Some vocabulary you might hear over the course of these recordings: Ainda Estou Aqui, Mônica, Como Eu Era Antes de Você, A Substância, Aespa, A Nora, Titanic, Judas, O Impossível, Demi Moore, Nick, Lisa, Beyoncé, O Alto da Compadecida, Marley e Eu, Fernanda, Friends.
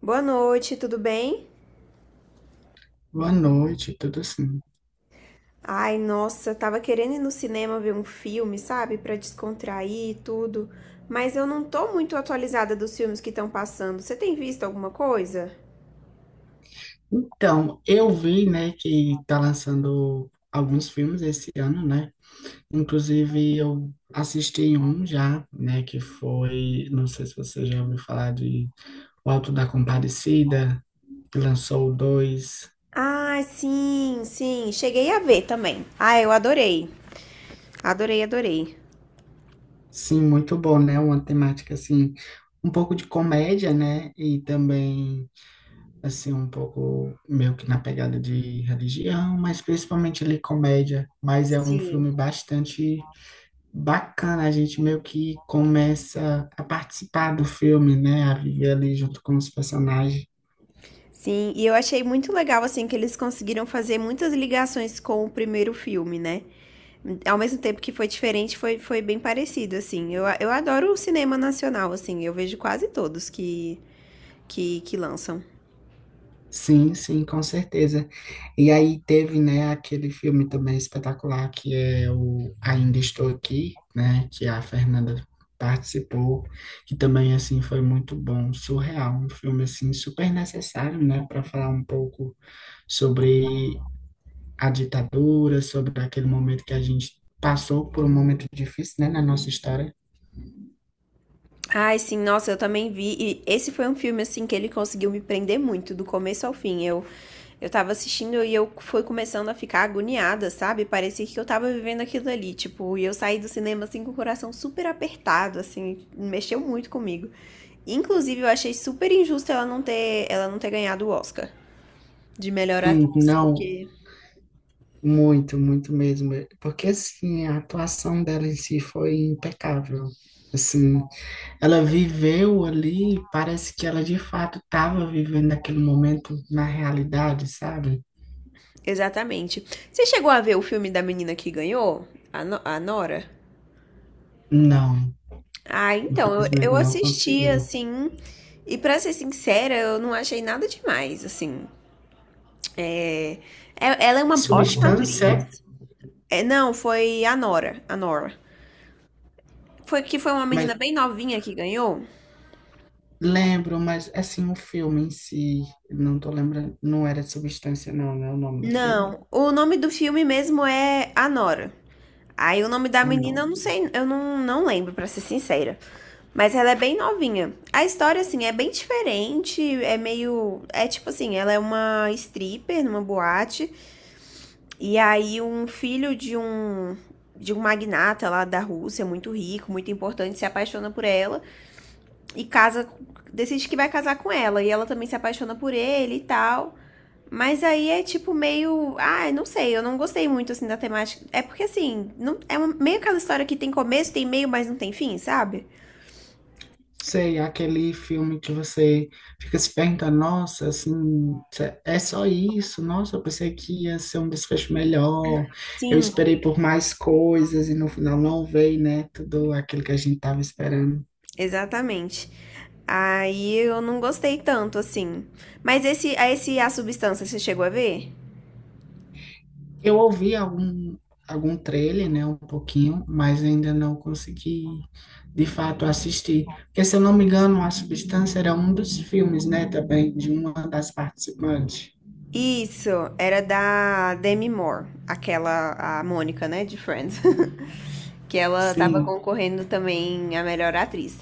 Boa noite, tudo bem? Boa noite, tudo assim. Ai, nossa, tava querendo ir no cinema ver um filme, sabe? Pra descontrair e tudo. Mas eu não tô muito atualizada dos filmes que estão passando. Você tem visto alguma coisa? Então, eu vi, né, que tá lançando alguns filmes esse ano, né? Inclusive, eu assisti um já, né, que foi, não sei se você já ouviu falar de O Alto da Compadecida, que lançou o dois. Ah, sim, sim. Cheguei a ver também. Ah, eu adorei. Adorei, adorei. Sim, muito bom, né? Uma temática, assim, um pouco de comédia, né? E também, assim, um pouco meio que na pegada de religião, mas principalmente ali comédia. Mas é um Sim. filme bastante bacana, a gente meio que começa a participar do filme, né? A viver ali junto com os personagens. Sim, e eu achei muito legal, assim, que eles conseguiram fazer muitas ligações com o primeiro filme, né? Ao mesmo tempo que foi diferente, foi, foi bem parecido, assim. Eu adoro o cinema nacional, assim. Eu vejo quase todos que lançam. Sim, sim, com certeza. E aí teve, né, aquele filme também espetacular que é o Ainda Estou Aqui, né, que a Fernanda participou, que também assim foi muito bom, surreal, um filme assim super necessário, né, para falar um pouco sobre a ditadura, sobre aquele momento que a gente passou por um momento difícil, né, na nossa história. Ai, sim, nossa, eu também vi. E esse foi um filme, assim, que ele conseguiu me prender muito, do começo ao fim. Eu tava assistindo e eu fui começando a ficar agoniada, sabe? Parecia que eu tava vivendo aquilo ali, tipo, e eu saí do cinema assim com o coração super apertado, assim, mexeu muito comigo. Inclusive, eu achei super injusto ela não ter ganhado o Oscar de melhor atriz, Sim, não, porque muito, muito mesmo. Porque, assim, a atuação dela em si foi impecável. Assim, ela viveu ali, parece que ela de fato estava vivendo aquele momento na realidade, sabe? exatamente. Você chegou a ver o filme da menina que ganhou? A, a Nora? Não, Ah, então, eu, infelizmente eu não assisti, consegui. assim, e pra ser sincera, eu não achei nada demais, assim. É, ela é É uma ótima substância, atriz. É, não, foi a Nora, a Nora. Foi que foi uma mas menina bem novinha que ganhou? lembro, mas assim, o filme em si, não tô lembrando, não era substância, não, não é o nome do filme? Não, o nome do filme mesmo é A Nora. Aí o nome da Ah, menina eu não não. sei, eu não, não lembro, pra ser sincera. Mas ela é bem novinha. A história, assim, é bem diferente, é meio. É tipo assim, ela é uma stripper numa boate. E aí um filho de um. De um magnata lá da Rússia, muito rico, muito importante, se apaixona por ela e casa, decide que vai casar com ela. E ela também se apaixona por ele e tal. Mas aí é tipo meio. Ah, eu não sei, eu não gostei muito assim da temática. É porque assim, não é meio aquela história que tem começo, tem meio, mas não tem fim, sabe? Sei, aquele filme que você fica se perguntando, nossa, assim, é só isso? Nossa, eu pensei que ia ser um desfecho melhor. Eu Sim. esperei por mais coisas e no final não veio, né? Tudo aquilo que a gente tava esperando. Exatamente. Aí eu não gostei tanto assim. Mas esse, esse A Substância, você chegou a ver? Eu ouvi algum trailer, né? Um pouquinho, mas ainda não consegui, de fato, assistir. Porque, se eu não me engano, A Substância era um dos filmes, né? Também, de uma das participantes. Isso, era da Demi Moore, aquela, a Mônica, né, de Friends. Que ela tava Sim. concorrendo também a melhor atriz.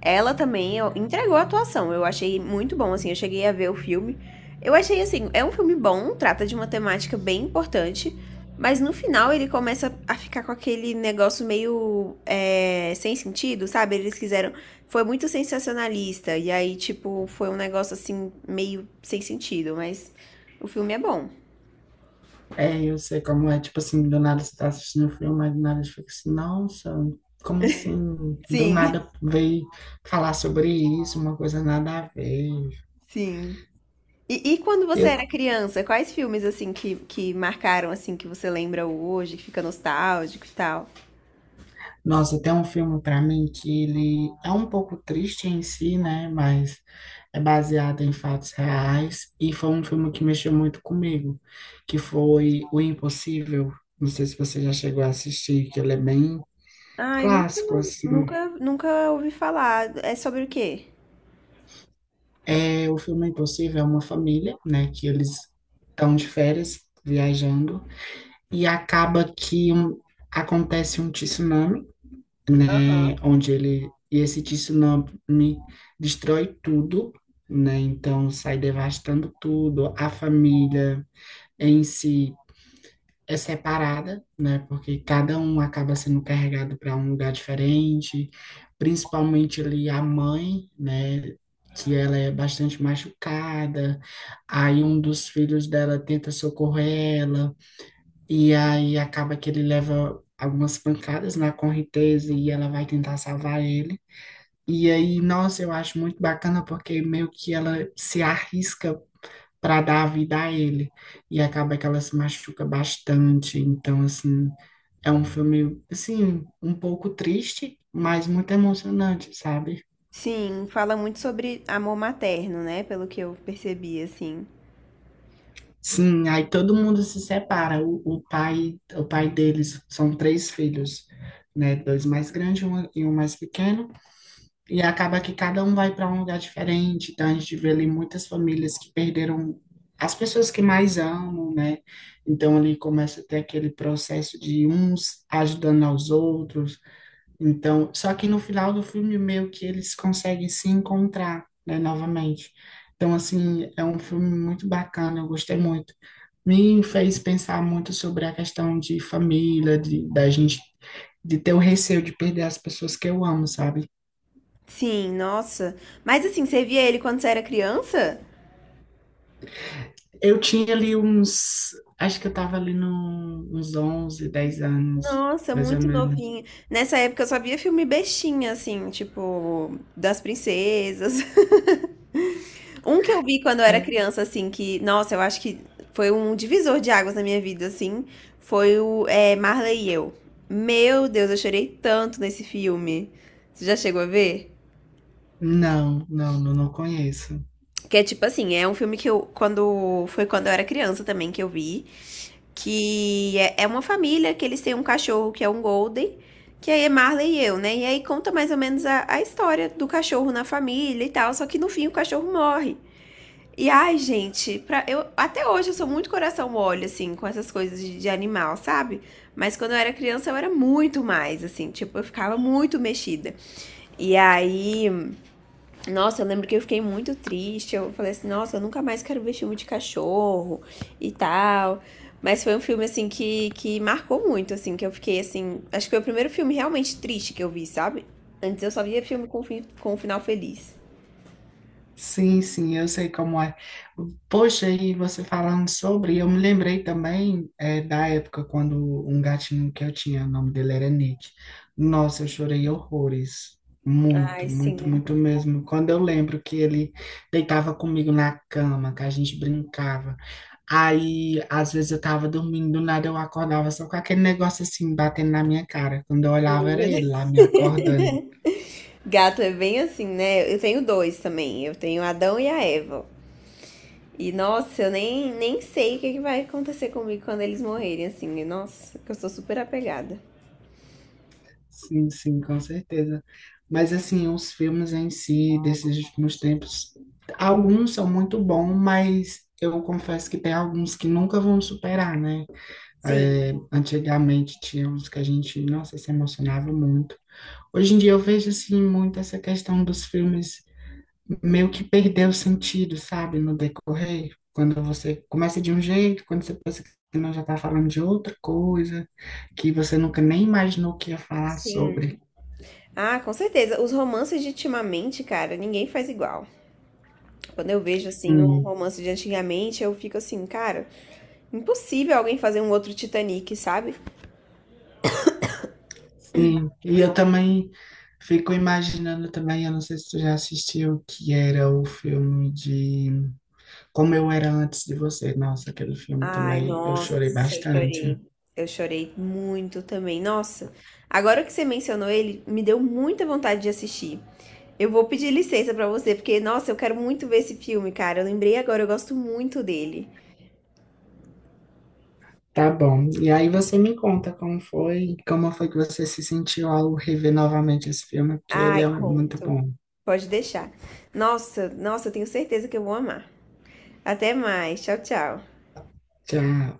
Ela também ó, entregou a atuação. Eu achei muito bom, assim. Eu cheguei a ver o filme. Eu achei, assim, é um filme bom, trata de uma temática bem importante. Mas no final ele começa a ficar com aquele negócio meio é, sem sentido, sabe? Eles quiseram. Foi muito sensacionalista. E aí, tipo, foi um negócio assim, meio sem sentido. Mas o filme é bom. É, eu sei como é, tipo assim, do nada você tá assistindo um filme, aí do nada você fica assim, nossa, como assim? Do Sim, nada veio falar sobre isso, uma coisa nada a ver. sim. E quando você Eu, era criança, quais filmes assim que marcaram assim que você lembra hoje, que fica nostálgico e tal? nossa, tem um filme pra mim que ele é um pouco triste em si, né? Mas é baseado em fatos reais e foi um filme que mexeu muito comigo, que foi O Impossível. Não sei se você já chegou a assistir, que ele é bem Ai, clássico, assim. Nunca ouvi falar. É sobre o quê? É, o filme Impossível é uma família, né, que eles estão de férias, viajando, e acaba que acontece um tsunami, Aham. né, onde ele, e esse tsunami destrói tudo, né, então sai devastando tudo, a família em si é separada, né? Porque cada um acaba sendo carregado para um lugar diferente, principalmente ali a mãe, né? Que ela é bastante machucada, aí um dos filhos dela tenta socorrer ela, e aí acaba que ele leva algumas pancadas na correnteza e ela vai tentar salvar ele. E aí, nossa, eu acho muito bacana porque meio que ela se arrisca para dar a vida a ele. E acaba que ela se machuca bastante. Então, assim, é um filme, assim, um pouco triste, mas muito emocionante, sabe? Sim, fala muito sobre amor materno, né? Pelo que eu percebi, assim. Sim, aí todo mundo se separa. O pai deles são três filhos, né? Dois mais grandes e um mais pequeno. E acaba que cada um vai para um lugar diferente, então a gente vê ali muitas famílias que perderam as pessoas que mais amam, né? Então ali começa a ter aquele processo de uns ajudando aos outros. Então, só que no final do filme meio que eles conseguem se encontrar, né, novamente. Então, assim, é um filme muito bacana, eu gostei muito. Me fez pensar muito sobre a questão de família, de, da gente, de ter o receio de perder as pessoas que eu amo, sabe? Sim, nossa. Mas assim, você via ele quando você era criança? Eu tinha ali uns, acho que eu tava ali no, uns 11, 10 anos, Nossa, mais ou muito menos. novinha. Nessa época eu só via filme bestinha, assim, tipo, das princesas. Um que eu vi quando eu era Ai, criança, assim, que, nossa, eu acho que foi um divisor de águas na minha vida, assim, foi o é, Marley e Eu. Meu Deus, eu chorei tanto nesse filme. Você já chegou a ver? não, não, não, não conheço. Que é tipo assim, é um filme que eu, quando, foi quando eu era criança também que eu vi, que é, é uma família que eles têm um cachorro que é um Golden, que aí é Marley e Eu, né? E aí conta mais ou menos a história do cachorro na família e tal, só que no fim o cachorro morre. E ai, gente, pra, eu, até hoje eu sou muito coração mole, assim, com essas coisas de animal, sabe? Mas quando eu era criança eu era muito mais, assim, tipo, eu ficava muito mexida. E aí, nossa, eu lembro que eu fiquei muito triste. Eu falei assim, nossa, eu nunca mais quero ver filme de cachorro e tal. Mas foi um filme, assim, que marcou muito, assim, que eu fiquei, assim. Acho que foi o primeiro filme realmente triste que eu vi, sabe? Antes eu só via filme com, com um final feliz. Sim, sim, eu sei como é. Poxa, e você falando sobre, eu me lembrei também da época quando um gatinho que eu tinha, o nome dele era Nick. Nossa, eu chorei horrores. Ai, Muito, muito, sim. muito mesmo. Quando eu lembro que ele deitava comigo na cama, que a gente brincava. Aí, às vezes eu tava dormindo, do nada eu acordava só com aquele negócio assim, batendo na minha cara. Quando eu olhava, Oh, meu era ele Deus. lá me acordando. Gato é bem assim, né? Eu tenho dois também. Eu tenho Adão e a Eva. E nossa, eu nem sei que vai acontecer comigo quando eles morrerem, assim. E, nossa, que eu sou super apegada. Sim, sim, com certeza. Mas assim, os filmes em si desses últimos tempos, alguns são muito bons, mas eu confesso que tem alguns que nunca vão superar, né? Sim, É, antigamente tinha uns que a gente, nossa, se emocionava muito. Hoje em dia eu vejo assim muito essa questão dos filmes meio que perdeu o sentido, sabe, no decorrer. Quando você começa de um jeito, quando você pensa que não já está falando de outra coisa, que você nunca nem imaginou que ia falar sim. sobre. Ah, com certeza. Os romances de ultimamente, cara, ninguém faz igual. Quando eu vejo, assim, um Sim, romance de antigamente, eu fico assim, cara, impossível alguém fazer um outro Titanic, sabe? sim. E eu também fico imaginando também, eu não sei se tu já assistiu, que era o filme de Como Eu Era Antes de Você. Nossa, aquele filme Ai, também eu nossa, chorei eu bastante. chorei. Eu chorei muito também. Nossa, agora que você mencionou ele, me deu muita vontade de assistir. Eu vou pedir licença pra você, porque, nossa, eu quero muito ver esse filme, cara. Eu lembrei agora, eu gosto muito dele. Tá bom. E aí você me conta como foi que você se sentiu ao rever novamente esse filme, porque ele Ai, é muito conto. bom. Pode deixar. Nossa, nossa, eu tenho certeza que eu vou amar. Até mais. Tchau, tchau. Tchau.